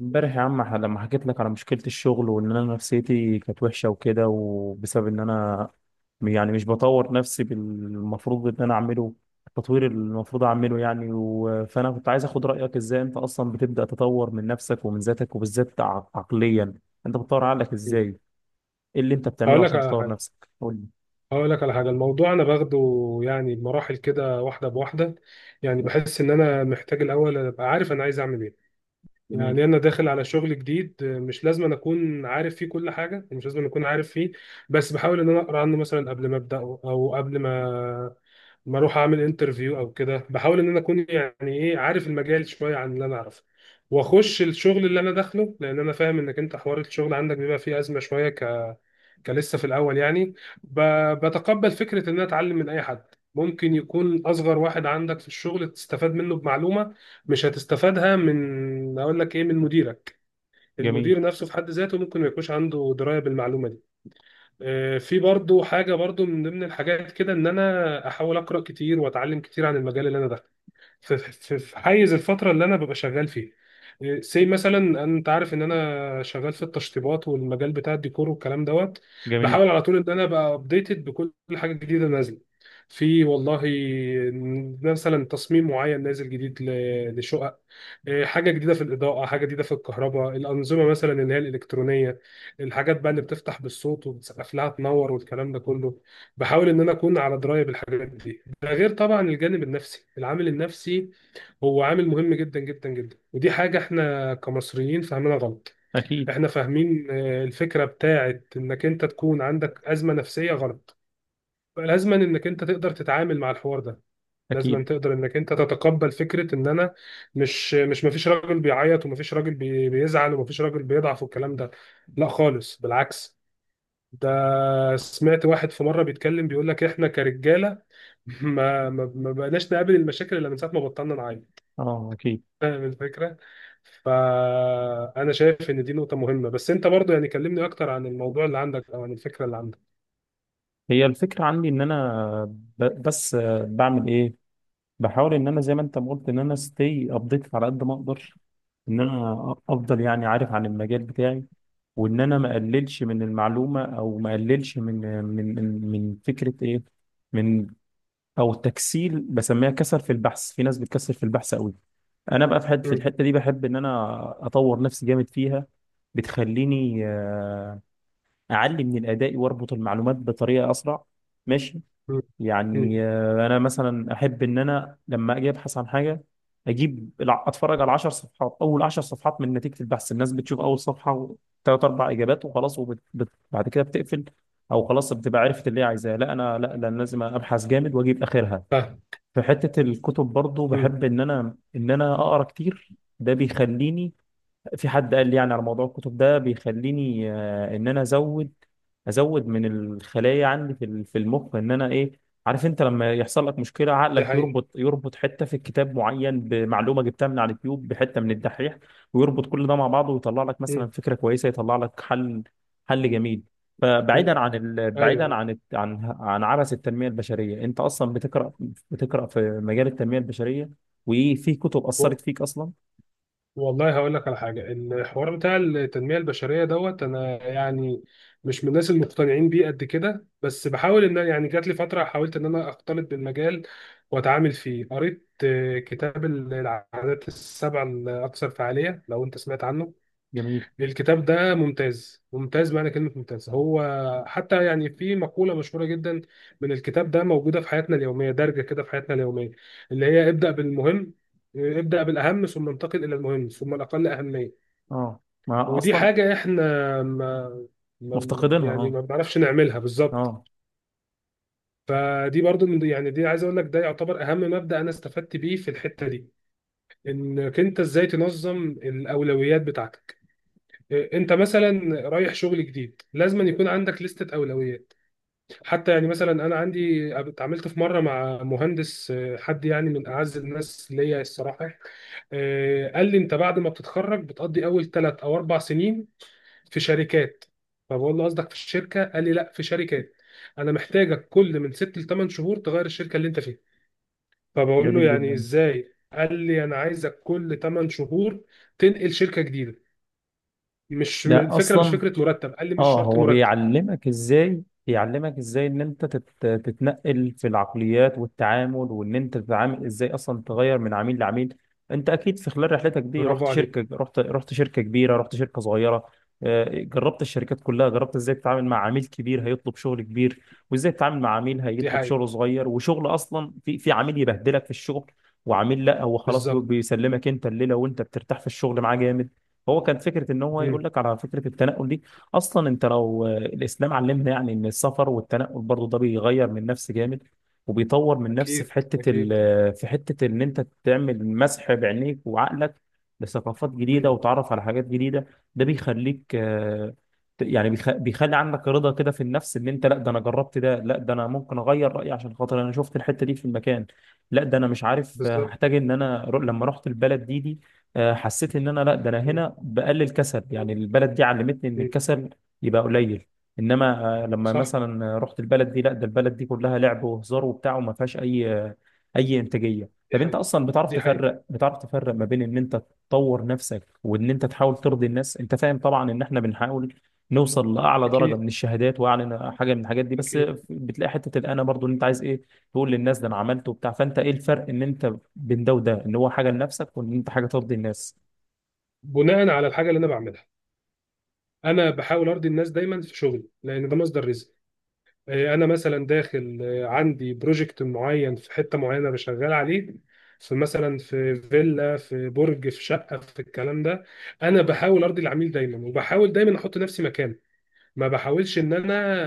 امبارح يا عم لما حكيت لك على مشكلة الشغل وان انا نفسيتي كانت وحشة وكده، وبسبب ان انا يعني مش بطور نفسي بالمفروض ان انا اعمله، التطوير اللي المفروض اعمله يعني فانا كنت عايز اخد رأيك ازاي انت اصلا بتبدأ تطور من نفسك ومن ذاتك، وبالذات عقليا. انت بتطور عقلك ازاي؟ ايه اللي انت بتعمله هقول لك عشان على تطور حاجة نفسك؟ قول لي. هقول لك على حاجة. الموضوع أنا باخده يعني بمراحل كده، واحدة بواحدة. يعني بحس إن أنا محتاج الأول أبقى عارف أنا عايز أعمل إيه. جميل. يعني أنا داخل على شغل جديد، مش لازم أنا أكون عارف فيه كل حاجة، مش لازم أنا أكون عارف فيه، بس بحاول إن أنا أقرأ عنه مثلا قبل ما أبدأه، أو قبل ما أروح أعمل انترفيو أو كده. بحاول إن أنا أكون يعني إيه عارف المجال شوية عن اللي أنا أعرفه، وأخش الشغل اللي أنا داخله، لأن أنا فاهم إنك أنت حوار الشغل عندك بيبقى فيه أزمة شوية، كان لسه في الاول يعني. ب- بتقبل فكره ان انا اتعلم من اي حد، ممكن يكون اصغر واحد عندك في الشغل تستفاد منه بمعلومه مش هتستفادها من، اقول لك ايه، من مديرك. جميل. المدير نفسه في حد ذاته ممكن ما يكونش عنده درايه بالمعلومه دي. في برضو حاجه، برضو من ضمن الحاجات كده ان انا احاول اقرا كتير واتعلم كتير عن المجال اللي انا داخله في حيز الفتره اللي انا ببقى شغال فيه. سي مثلا انت عارف ان انا شغال في التشطيبات والمجال بتاع الديكور والكلام دوت. جميل. بحاول على طول ان انا ابقى ابديتد بكل حاجه جديده نازله في، والله مثلا تصميم معين نازل جديد لشقق. حاجه جديده في الاضاءه، حاجه جديده في الكهرباء، الانظمه مثلا اللي هي الالكترونيه، الحاجات بقى اللي بتفتح بالصوت وبتسقف لها تنور والكلام ده كله، بحاول ان انا اكون على درايه بالحاجات دي. ده غير طبعا الجانب النفسي، العامل النفسي هو عامل مهم جدا جدا جدا، ودي حاجة احنا كمصريين فاهمينها غلط. اكيد. احنا فاهمين الفكرة بتاعت انك انت تكون عندك أزمة نفسية غلط، لازما انك انت تقدر تتعامل مع الحوار ده، اكيد. لازما تقدر انك انت تتقبل فكرة ان انا مش مش مفيش راجل بيعيط، ومفيش راجل بيزعل، ومفيش راجل بيضعف والكلام ده. لا خالص، بالعكس ده. سمعت واحد في مرة بيتكلم بيقول لك احنا كرجالة ما بقناش نقابل المشاكل الا من ساعة ما بطلنا نعاني. اه، اكيد. فاهم الفكرة؟ فأنا شايف إن دي نقطة مهمة، بس أنت برضو يعني كلمني أكتر عن الموضوع اللي عندك أو عن الفكرة اللي عندك. هي الفكرة عندي ان انا بس بعمل ايه؟ بحاول ان انا زي ما انت ما قلت، ان انا ستي ابديت على قد ما اقدر، ان انا افضل يعني عارف عن المجال بتاعي، وان انا ما اقللش من المعلومه، او ما اقللش من من فكره ايه، من او تكسيل، بسميها كسل في البحث. في ناس بتكسل في البحث قوي. انا بقى في حته، في مم. الحته دي بحب ان انا اطور نفسي جامد فيها. بتخليني اعلي من الاداء واربط المعلومات بطريقه اسرع. ماشي. مم. يعني مم. انا مثلا احب ان انا لما اجي ابحث عن حاجه، اتفرج على 10 صفحات، اول 10 صفحات من نتيجه البحث. الناس بتشوف اول صفحه، ثلاث اربع اجابات وخلاص، بعد كده بتقفل، او خلاص بتبقى عرفت اللي هي عايزاه. لا انا، لا لا، أنا لازم ابحث جامد واجيب اخرها. فاهم. في حته الكتب برضو مم. بحب ان انا اقرا كتير. ده بيخليني، في حد قال لي يعني على موضوع الكتب، ده بيخليني ان انا ازود، من الخلايا عندي في المخ، ان انا ايه، عارف، انت لما يحصل لك مشكله دي عقلك حقيقة. يربط، حته في الكتاب معين بمعلومه جبتها من على اليوتيوب، بحته من الدحيح، ويربط كل ده مع بعضه ويطلع لك مثلا مم. فكره كويسه، يطلع لك حل. حل جميل. مم. فبعيدا عن بعيدا أيوه. عن عبث التنميه البشريه، انت اصلا بتقرا في مجال التنميه البشريه؟ وايه في كتب اثرت فيك اصلا؟ والله هقول لك على حاجة، الحوار بتاع التنمية البشرية دوت، أنا يعني مش من الناس المقتنعين بيه قد كده، بس بحاول إن يعني جات لي فترة حاولت إن أنا أختلط بالمجال وأتعامل فيه. قريت كتاب العادات السبع الأكثر فعالية، لو أنت سمعت عنه. جميل. الكتاب ده ممتاز ممتاز، معنى كلمة ممتاز هو، حتى يعني في مقولة مشهورة جدا من الكتاب ده موجودة في حياتنا اليومية، دارجة كده في حياتنا اليومية، اللي هي ابدأ بالمهم، ابدأ بالأهم ثم انتقل إلى المهم ثم الأقل أهمية. اه، ما ودي اصلا. حاجة احنا ما مفتقدينها، يعني اه. ما بنعرفش نعملها بالظبط. اه. فدي برضو يعني دي عايز اقول لك ده يعتبر اهم مبدأ انا استفدت بيه في الحتة دي، انك انت ازاي تنظم الاولويات بتاعتك. انت مثلا رايح شغل جديد لازم يكون عندك لستة اولويات. حتى يعني مثلا انا عندي، اتعاملت في مره مع مهندس حد يعني من اعز الناس ليا الصراحه. قال لي انت بعد ما بتتخرج بتقضي اول ثلاث او اربع سنين في شركات. فبقول له قصدك في الشركه، قال لي لا في شركات، انا محتاجك كل من ست لثمان شهور تغير الشركه اللي انت فيها. فبقول له جميل يعني جدا. ازاي، قال لي انا عايزك كل ثمان شهور تنقل شركه جديده. مش م- ده الفكره مش اصلا، فكره مرتب، قال لي مش اه، شرط هو مرتب. بيعلمك ازاي، ان انت تتنقل في العقليات والتعامل، وان انت تتعامل ازاي اصلا، تغير من عميل لعميل. انت اكيد في خلال رحلتك دي برافو رحت عليك. شركة، رحت شركة كبيرة، رحت شركة صغيرة. جربت الشركات كلها، جربت ازاي تتعامل مع عميل كبير هيطلب شغل كبير، وازاي تتعامل مع عميل دي هيطلب حقيقة. شغل صغير. وشغل اصلا في عميل يبهدلك في الشغل، وعميل لا، هو خلاص بالظبط. بيسلمك انت الليلة، وانت بترتاح في الشغل معاه جامد. هو كان فكرة ان هو مم. يقول لك على فكرة التنقل دي. اصلا انت لو الاسلام علمنا يعني ان السفر والتنقل برضو ده بيغير من نفس جامد، وبيطور من نفس في اكيد حته ال اكيد. آه، في حته ان انت تعمل مسح بعينيك وعقلك لثقافات جديده، مم. وتعرف على حاجات جديده. ده بيخليك، يعني بيخلي عندك رضا كده في النفس، ان انت لا، ده انا جربت ده، لا ده انا ممكن اغير رايي عشان خاطر انا شفت الحته دي في المكان. لا ده انا مش عارف، بالظبط. هحتاج ان انا، لما رحت البلد دي، حسيت ان انا لا، ده انا مم. هنا بقلل كسل، يعني البلد دي علمتني ان مم. الكسل يبقى قليل. انما لما صح. مثلا رحت البلد دي، لا ده البلد دي كلها لعب وهزار وبتاع، وما فيهاش اي اي انتاجيه. دي طب انت حقيقة. اصلا بتعرف دي حقيقة. تفرق، بتعرف تفرق ما بين ان انت تطور نفسك، وان انت تحاول ترضي الناس. انت فاهم طبعا ان احنا بنحاول نوصل لاعلى درجه اكيد من الشهادات واعلى حاجه من الحاجات دي، بس اكيد. بتلاقي حته الانا برضو، ان انت عايز ايه، تقول للناس ده انا عملت وبتاع. فانت ايه الفرق ان انت بين ده وده؟ ان هو حاجه لنفسك، وان انت حاجه ترضي الناس. بناء على الحاجه اللي انا بعملها، انا بحاول ارضي الناس دايما في شغلي لان ده مصدر رزق. انا مثلا داخل، عندي بروجكت معين في حته معينه بشغال عليه، في مثلا في فيلا، في برج، في شقه، في الكلام ده. انا بحاول ارضي العميل دايما، وبحاول دايما احط نفسي مكانه، ما بحاولش ان انا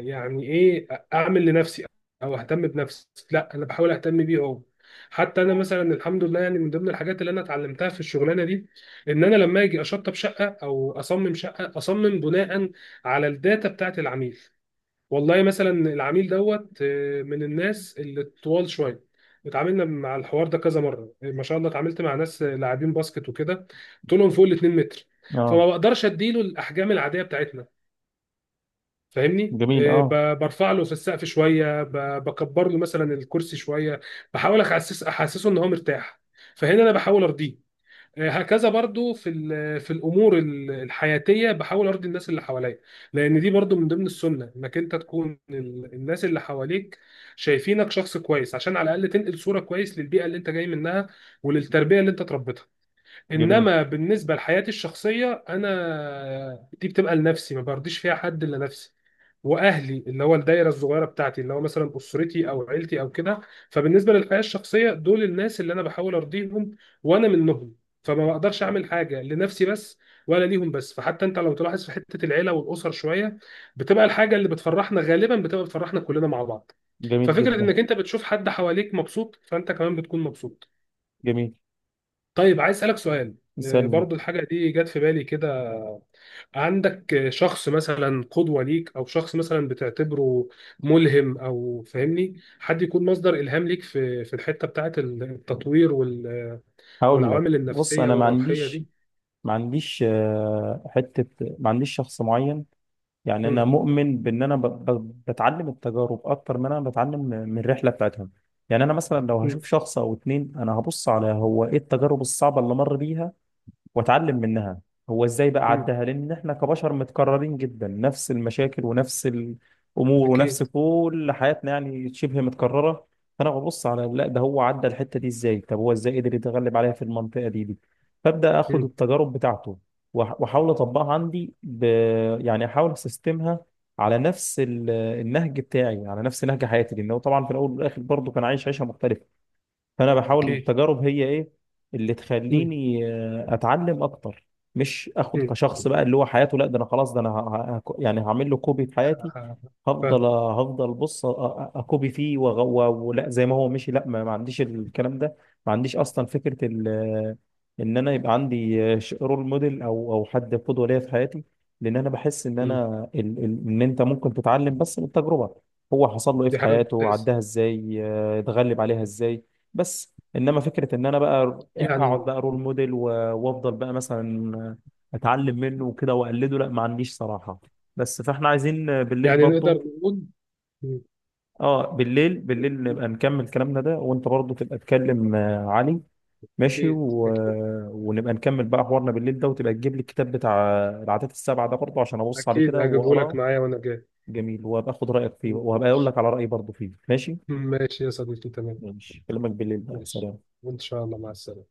يعني ايه اعمل لنفسي او اهتم بنفسي، لا انا بحاول اهتم بيه هو. حتى انا مثلا الحمد لله يعني، من ضمن الحاجات اللي انا اتعلمتها في الشغلانه دي ان انا لما اجي اشطب شقه او اصمم شقه اصمم بناء على الداتا بتاعت العميل. والله مثلا العميل دوت، من الناس اللي طوال شويه، اتعاملنا مع الحوار ده كذا مره، ما شاء الله اتعاملت مع ناس لاعبين باسكت وكده، طولهم فوق ال 2 متر، فما اه. بقدرش اديله الاحجام العاديه بتاعتنا. فاهمني، جميل. اه. برفع له في السقف شويه، بكبر له مثلا الكرسي شويه، بحاول احسس احسسه ان هو مرتاح. فهنا انا بحاول ارضيه. هكذا برضو في في الامور الحياتيه بحاول ارضي الناس اللي حواليا، لان دي برضو من ضمن السنه انك انت تكون الناس اللي حواليك شايفينك شخص كويس، عشان على الاقل تنقل صوره كويس للبيئه اللي انت جاي منها وللتربيه اللي انت تربيتها. جميل. انما بالنسبه لحياتي الشخصيه انا، دي بتبقى لنفسي، ما برضيش فيها حد الا نفسي واهلي، اللي هو الدايره الصغيره بتاعتي، اللي هو مثلا اسرتي او عيلتي او كده. فبالنسبه للحياه الشخصيه دول الناس اللي انا بحاول ارضيهم، وانا منهم، فما بقدرش اعمل حاجه لنفسي بس ولا ليهم بس. فحتى انت لو تلاحظ في حته العيله والاسر شويه، بتبقى الحاجه اللي بتفرحنا غالبا بتبقى بتفرحنا كلنا مع بعض. جميل ففكره جدا. انك انت بتشوف حد حواليك مبسوط فانت كمان بتكون مبسوط. جميل. طيب عايز اسالك سؤال، استنى. برضو الحاجه دي جت في بالي كده، عندك شخص مثلا قدوة ليك أو شخص مثلا بتعتبره ملهم، أو فاهمني حد يكون مصدر إلهام ليك في الحتة بتاعة التطوير هقول لك. والعوامل بص، النفسية انا ما والروحية عنديش، دي؟ ما عنديش حته، ما عنديش شخص معين. يعني انا مم. مؤمن بان انا بتعلم التجارب اكتر ما انا بتعلم من الرحله بتاعتهم. يعني انا مثلا لو مم. هشوف شخص او اتنين، انا هبص على هو ايه التجارب الصعبه اللي مر بيها، واتعلم منها. هو ازاي بقى مم. عدها، لان احنا كبشر متكررين جدا، نفس المشاكل ونفس الامور ونفس أكيد. كل حياتنا يعني شبه متكرره. فانا ببص على لا ده هو عدى الحته دي ازاي، طب هو ازاي قدر يتغلب عليها في المنطقه دي فابدا اخد مم. التجارب بتاعته، واحاول اطبقها عندي يعني احاول اسيستمها على نفس النهج بتاعي، على نفس نهج حياتي، لانه طبعا في الاول والاخر برضه كان عايش عيشه مختلفه. فانا بحاول أكيد. التجارب هي ايه اللي مم. تخليني اتعلم اكتر. مش اخد مم. كشخص بقى اللي هو حياته، لا ده انا خلاص، ده انا يعني هعمل له كوبي في ح- حياتي. هفضل فاهم. هفضل بص، اكوبي فيه، ولا زي ما هو مشي. لا، ما عنديش الكلام ده. ما عنديش اصلا فكره ان انا يبقى عندي رول موديل، او حد قدوه ليا في حياتي. لان انا بحس ان مم. انا ان انت ممكن تتعلم بس من التجربه. هو حصل له ايه دي في حاجة حياته، ممتازة. عداها ازاي، اتغلب عليها ازاي. بس انما فكره ان انا بقى اقعد يعني بقى رول موديل، وافضل بقى مثلا اتعلم منه وكده واقلده، لا، ما عنديش صراحه. بس فاحنا عايزين بالليل يعني نقدر برضو. نقول. مم. اه، بالليل، بالليل نبقى نكمل كلامنا ده، وانت برضو تبقى تكلم علي. ماشي. أكيد أكيد. ونبقى نكمل بقى حوارنا بالليل ده، وتبقى تجيب لي الكتاب بتاع العادات السبعه ده برضو، عشان ابص عليه أكيد كده هجيبهولك واقراه. معايا وأنا جاي. جميل. وابقى اخد رايك فيه، وهبقى اقول ماشي. لك على رايي برضو فيه. ماشي. ماشي يا صديقي، تمام. ماشي. اكلمك بالليل بقى، ماشي. سلام. وإن شاء الله مع السلامة.